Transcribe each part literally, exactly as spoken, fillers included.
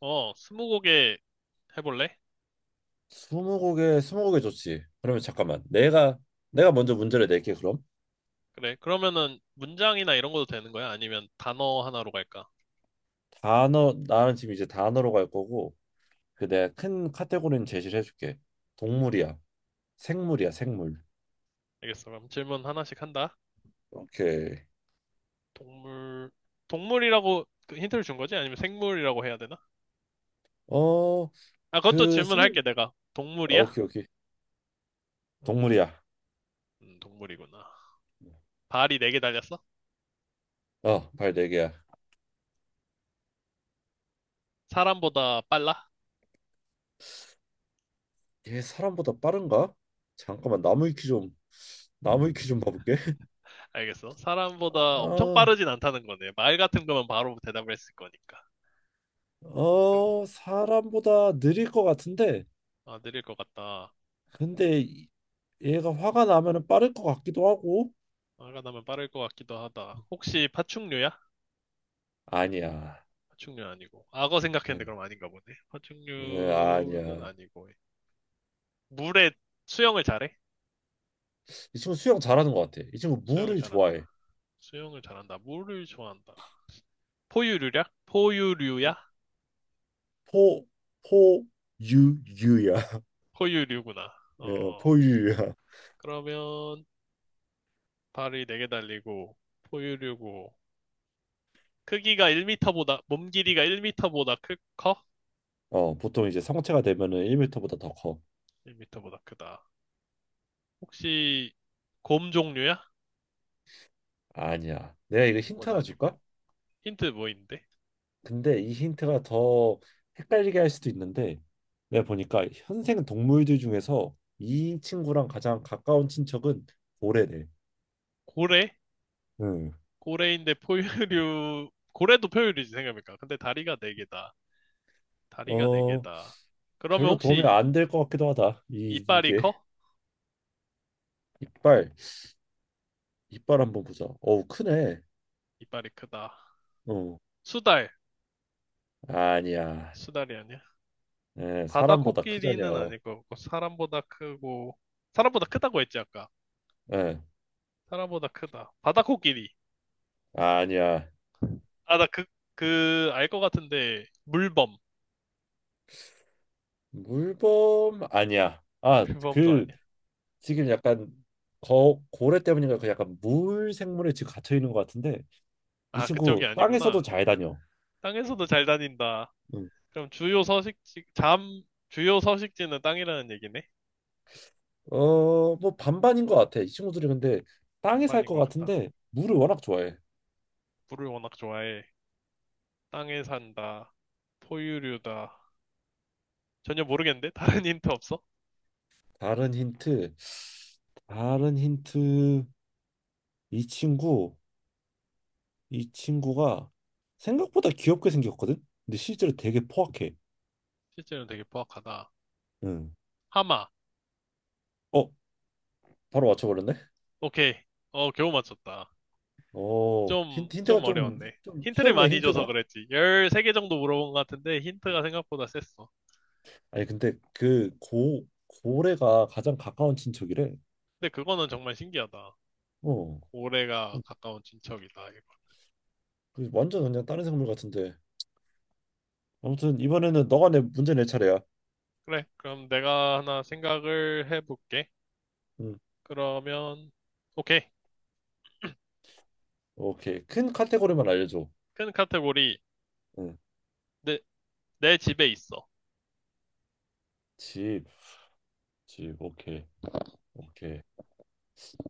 어, 스무고개 해볼래? 스무고개 스무고개 좋지. 그러면 잠깐만 내가 내가 먼저 문제를 낼게 그럼. 그래. 그러면은 문장이나 이런 것도 되는 거야? 아니면 단어 하나로 갈까? 단어, 나는 지금 이제 단어로 갈 거고 그 내가 큰 카테고리는 제시를 해줄게. 동물이야. 생물이야, 생물. 알겠어. 그럼 질문 하나씩 한다. 오케이. 동물, 동물이라고 그 힌트를 준 거지? 아니면 생물이라고 해야 되나? 어 아, 그것도 그 질문할게, 생. 내가. 어, 동물이야? 오케이, 오케이. 동물이야. 음, 동물이구나. 발이 네 개 달렸어? 어발네 개야. 사람보다 빨라? 얘 사람보다 빠른가? 잠깐만, 나무 위키 좀 나무 위키 좀 봐볼게. 알겠어. 사람보다 엄청 아, 빠르진 않다는 거네. 말 같은 거면 바로 대답을 했을 거니까. 그래. 어 사람보다 느릴 것 같은데, 아, 느릴 것 같다. 근데 이- 얘가 화가 나면은 빠를 것 같기도 하고. 화가 나면 빠를 것 같기도 하다. 혹시 파충류야? 아니야. 파충류 아니고. 악어 생각했는데 응. 그럼 아닌가 보네. 응, 파충류는 아니야. 아니고. 물에 수영을 잘해? 이 친구 수영 잘하는 것 같아. 이 친구 수영을 물을 잘한다. 좋아해. 수영을 잘한다. 물을 좋아한다. 포유류야? 포유류야? 포, 포, 유, 유야. 포유류구나. 예, 어, 포유야. 그러면 발이 네 개 달리고 포유류고 크기가 일 미터보다 몸 길이가 일 미터보다 크, 커? 어, 보통 이제 성체가 되면은 일 미터보다 더 커. 일 미터보다 크다. 혹시 곰 종류야? 아니야. 내가 이거 힌트 곰은 하나 아니고. 줄까? 힌트 뭐 있는데? 근데 이 힌트가 더 헷갈리게 할 수도 있는데, 내가 보니까 현생 동물들 중에서 이 친구랑 가장 가까운 친척은 고래래. 고래? 응. 고래인데 포유류, 고래도 포유류지 생각해보니까. 근데 다리가 네 개다. 다리가 네 어, 개다. 그러면 별로 도움이 혹시 안 될 것 같기도 하다. 이 이빨이 이게 커? 이빨 이빨 한번 보자. 어우, 크네. 이빨이 크다. 어 수달. 아니야. 수달이 아니야? 예, 바다 사람보다 코끼리는 크자녀. 아닐 것 같고, 사람보다 크고, 사람보다 크다고 했지, 아까. 예, 사람보다 크다. 바다 코끼리. 아니야. 아, 나 그, 그, 알 것 같은데, 물범. 물범 아니야. 아 물범도 그, 아니야. 지금 약간, 거 고래 때문인가 그 약간 물 생물에 지금 갇혀 있는 것 같은데. 이 아, 그쪽이 친구 땅에서도 아니구나. 잘 다녀. 땅에서도 잘 다닌다. 응. 그럼 주요 서식지, 잠, 주요 서식지는 땅이라는 얘기네? 어뭐 반반인 것 같아. 이 친구들이 근데 땅에 살 반반인 것 것 같다. 같은데 물을 워낙 좋아해. 물을 워낙 좋아해. 땅에 산다. 포유류다. 전혀 모르겠는데? 다른 힌트 없어? 다른 힌트 다른 힌트 이 친구, 이 친구가 생각보다 귀엽게 생겼거든? 근데 실제로 되게 포악해. 실제로는 되게 포악하다. 응. 하마. 어, 바로 맞춰버렸네? 오케이. 어, 겨우 맞췄다. 어, 좀, 힌트, 힌트가 좀 좀, 어려웠네. 좀 힌트를 쉬웠네, 많이 줘서 힌트가. 그랬지. 열세 개 정도 물어본 것 같은데 힌트가 생각보다 셌어. 아니, 근데 그 고, 고래가 가장 가까운 친척이래. 근데 그거는 정말 신기하다. 어, 고래가 가까운 친척이다. 이거. 그 완전 그냥 다른 생물 같은데. 아무튼 이번에는 너가 내 문제 낼 차례야. 그래. 그럼 내가 하나 생각을 해볼게. 응. 그러면, 오케이. 오케이. 큰 카테고리만 알려줘. 큰 카테고리. 응. 내, 내 집에 있어. 집, 집, 오케이. 오케이.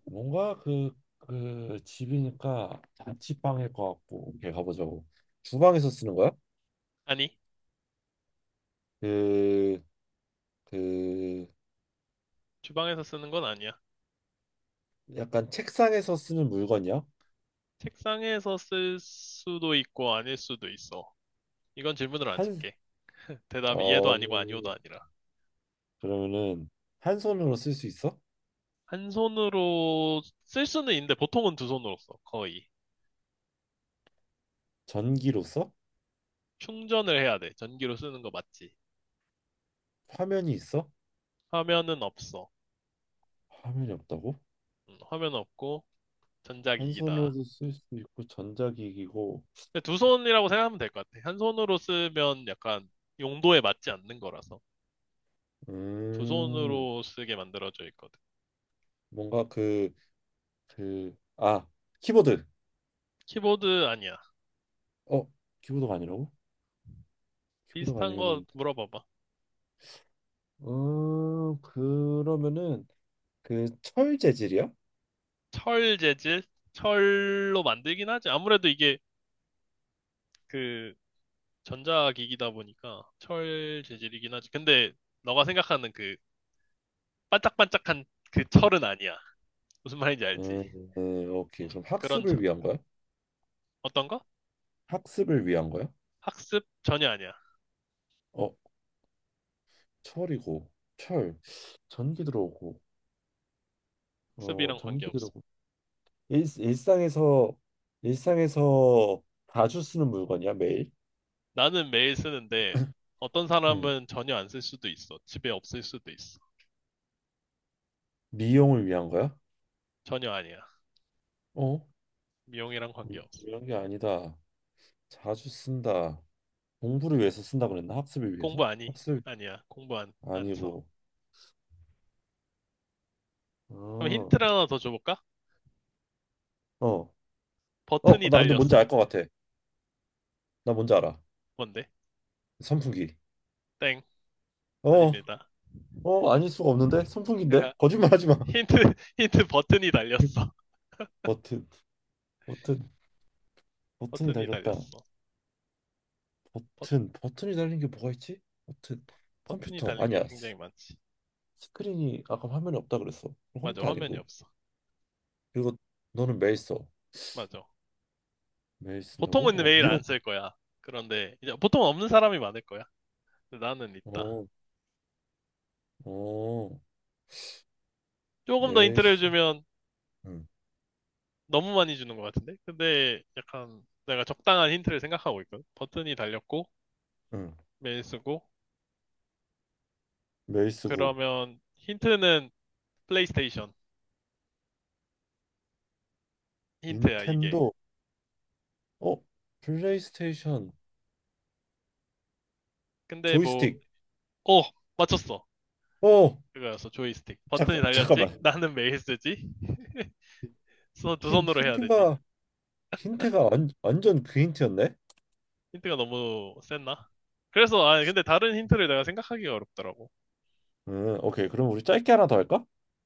뭔가 그, 그 집이니까 자취방일 것 같고, 오케이 가보자고. 주방에서 쓰는 거야? 아니, 그, 그 주방에서 쓰는 건 아니야. 약간 책상에서 쓰는 물건이야? 책상에서 쓸 수도 있고 아닐 수도 있어. 이건 질문으로 안 한, 칠게. 대답이 얘도 어, 아니고 아니오도 아니라. 그러면은 한 손으로 쓸 수 있어? 한 손으로 쓸 수는 있는데 보통은 두 손으로 써, 거의. 전기로 써? 충전을 해야 돼. 전기로 쓰는 거 맞지? 화면이 있어? 화면은 없어. 화면이 없다고? 음, 화면 없고 한 전자기기다. 손으로도 쓸 수 있고 전자기기고. 근데 두 손이라고 생각하면 될 것 같아. 한 손으로 쓰면 약간 용도에 맞지 않는 거라서. 두 음 손으로 쓰게 만들어져 있거든. 뭔가 그 그 아, 키보드. 키보드 아니야. 어 키보드가 아니라고? 키보드가 비슷한 거 아니면은... 물어봐봐. 음, 그러면은 그 철 재질이요? 철 재질? 철로 만들긴 하지. 아무래도 이게 그 전자기기다 보니까 철 재질이긴 하지. 근데 너가 생각하는 그 반짝반짝한 그 철은 아니야. 무슨 말인지 음, 알지? 음, 오케이. 응. 그럼 그런 학습을 철. 위한 거야? 어떤 거? 학습을 위한 거야? 학습? 전혀 아니야. 어, 철이고 철 전기 들어오고. 어 학습이랑 전기 관계없어. 들어오고 일, 일상에서 일상에서 자주 쓰는 물건이야, 매일? 나는 매일 쓰는데 어떤 음, 사람은 전혀 안 쓸 수도 있어. 집에 없을 수도 있어. 미용을 위한 거야? 전혀 아니야. 어, 미용이랑 미용을 관계없어. 위한 게 아니다. 자주 쓴다. 공부를 위해서 쓴다고 그랬나? 학습을 위해서? 공부 아니? 학습 아니야. 공부 안, 안 써. 아니고. 그럼 어, 힌트를 하나 더 줘볼까? 어, 어, 버튼이 나 근데 뭔지 알 달렸어. 것 같아. 나 뭔지 알아. 뭔데? 선풍기. 땡. 어, 아닙니다. 어, 아닐 수가 없는데? 선풍기인데? 제가 거짓말 하지 마. 힌트, 힌트 버튼이 달렸어. 버튼, 버튼, 버튼이 버튼이 달렸다. 달렸어. 버, 버튼, 버튼이 달린 게 뭐가 있지? 버튼, 버튼이 컴퓨터. 달린 게 아니야. 굉장히 스- 많지. 스크린이 아까 화면에 없다 그랬어. 그럼 맞아. 컴퓨터 화면이 아니고. 없어. 그리고 너는 메일 써. 맞아. 메일 쓴다고? 보통은 어, 매일 안 미역. 쓸 거야. 그런데 이제 보통 없는 사람이 많을 거야. 근데 나는 있다. 어, 어, 조금 더 메일 힌트를 쓰. 주면 응, 너무 많이 주는 것 같은데? 근데 약간 내가 적당한 힌트를 생각하고 있거든. 버튼이 달렸고, 응. 메일 쓰고, 메일 쓰고. 그러면 힌트는 플레이스테이션 힌트야, 이게. 닌텐도. 어, 플레이스테이션. 근데 뭐, 조이스틱. 오! 맞췄어. 어, 그거였어, 조이스틱. 버튼이 잠깐, 달렸지? 잠깐만. 나는 메일 쓰지? 손- 두 힌, 손으로 해야 되지. 힌트가 힌트가 완, 완전 그 힌트였네. 힌트가 너무 셌나? 그래서, 아, 근데 다른 힌트를 내가 생각하기가 어렵더라고. 음, 오케이. 그럼 우리 짧게 하나 더 할까?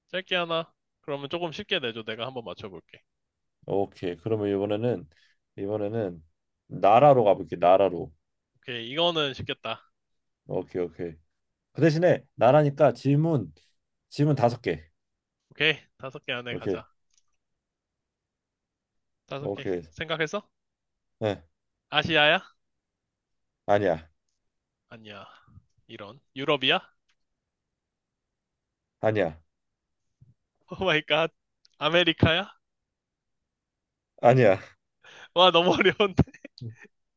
짧게 하나. 그러면 조금 쉽게 내줘. 내가 한번 맞춰볼게. 오케이. 그러면 이번에는 이번에는 나라로 가볼게. 나라로. 오케이, 이거는 쉽겠다. 오케이, 오케이. 그 대신에 나라니까 질문 질문 다섯 개. 오케이, 다섯 개 안에 오케이, 가자. 다섯 개. 오케이. 생각했어? 네. 아시아야? 아니야, 아니야. 이런. 유럽이야? 아니야, 오 마이 갓. 아메리카야? 아니야. 와, 너무 어려운데.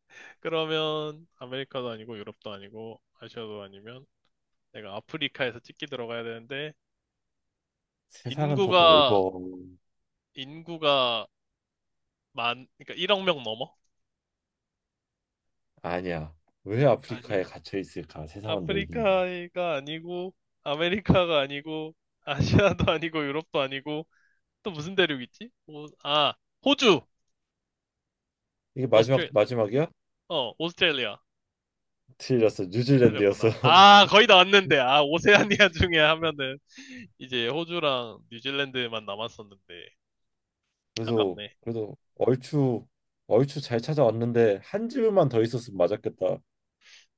그러면 아메리카도 아니고 유럽도 아니고 아시아도 아니면 내가 아프리카에서 찍기 들어가야 되는데 세상은 더 인구가 넓어. 인구가 만 그러니까 일억 명 넘어? 아니야. 왜 아니야. 아프리카에 갇혀 있을까? 세상은 넓은데. 아프리카가 아니고 아메리카가 아니고 아시아도 아니고 유럽도 아니고 또 무슨 대륙 있지? 오, 아, 호주. 이게 마지막 오스트레 마지막이야? 어, 오스트레일리아. 틀렸어. 뉴질랜드였어. 틀렸구나. 아, 거의 다 왔는데 아, 오세아니아 중에 하면은 이제 호주랑 뉴질랜드만 남았었는데 그래서 아깝네. 그래도 얼추 얼추 잘 찾아왔는데 한 집만 더 있었으면 맞았겠다.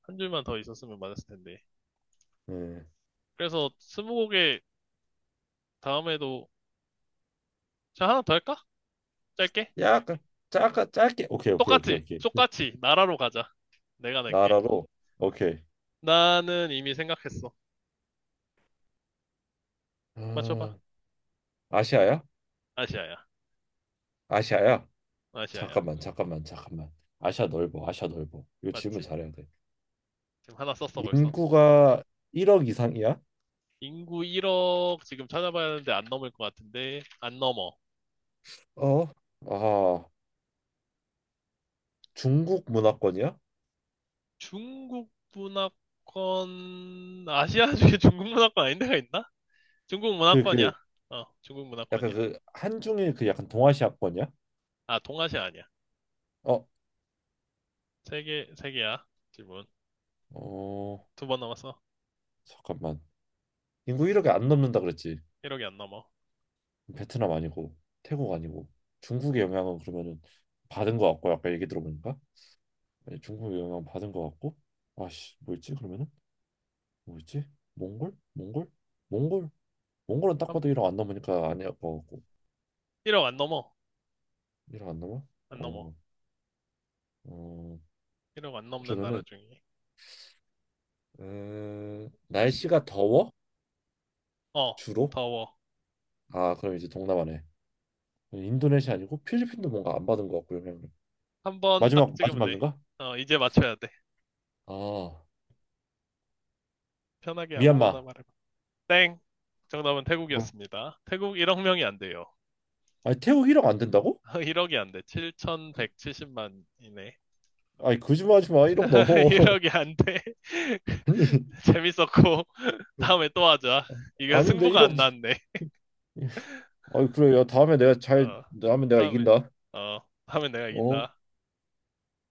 한 줄만 더 있었으면 맞았을 텐데. 음, 그래서 스무고개 다음에도 자, 하나 더 할까? 짧게? 약간, 짧게 짧게 오케이 오케이 오케이 똑같이, 오케이. 똑같이 나라로 가자. 내가 낼게. 나라로. 오케이. 나는 이미 생각했어. 맞춰봐. 아, 아시아야? 아시아야. 아시아야? 아시아야. 잠깐만, 잠깐만, 잠깐만. 아시아 넓어, 아시아 넓어. 이거 질문 맞지? 잘해야 돼. 지금 하나 썼어 벌써. 인구가 일억 이상이야? 인구 일억 지금 찾아봐야 하는데 안 넘을 것 같은데 안 넘어. 어? 아, 중국 문화권이야? 중국 문화권, 아시아 중에 중국 문화권 아닌 데가 있나? 중국 그 문화권이야. 그 어, 중국 약간 문화권이야. 그 한중의 그 약간 동아시아권이야? 아, 동아시아 아니야. 어? 세 개, 세 개야. 질문. 어 두 번 넘었어. 잠깐만. 인구 일억이 안 넘는다 그랬지. 일억이 안 넘어. 베트남 아니고, 태국 아니고, 중국의 영향은 그러면은 받은 것 같고, 아까 얘기 들어보니까 예, 중국의 영향 받은 것 같고. 아씨, 뭐였지 그러면은. 뭐였지. 몽골 몽골 몽골 몽골은 딱 봐도 일억 안 넘으니까 아니야 것 같고, 일억 안 넘어. 일억 안 넘어. 안 넘어. 어, 어 일억 안 넘는 나라 그러면은, 중에. 음, 아시, 날씨가 더워, 어, 주로? 더워. 아, 그럼 이제 동남아네. 인도네시아 아니고 필리핀도 뭔가 안 받은 것 같고, 영향을. 한 번 딱 마지막 찍으면 돼. 마지막인가 어, 이제 맞춰야 돼. 아, 편하게 아무거나 미얀마. 말해봐. 땡! 정답은 뭐야? 태국이었습니다. 태국 일억 명이 안 돼요. 아니, 태국 일억 안 된다고? 일억이 안 돼. 그- 칠천백칠십만이네. 아니, 거짓말하지 마, 일억 넘어. 이억이 안 돼. 재밌었고, 다음에 또 하자. 아니. 이거 아닌데, 승부가 일억. 안 났네. 아니, 그래요, 다음에 내가 잘. 어, 다음에 내가 다음에, 이긴다. 어, 다음에 내가 어 이긴다.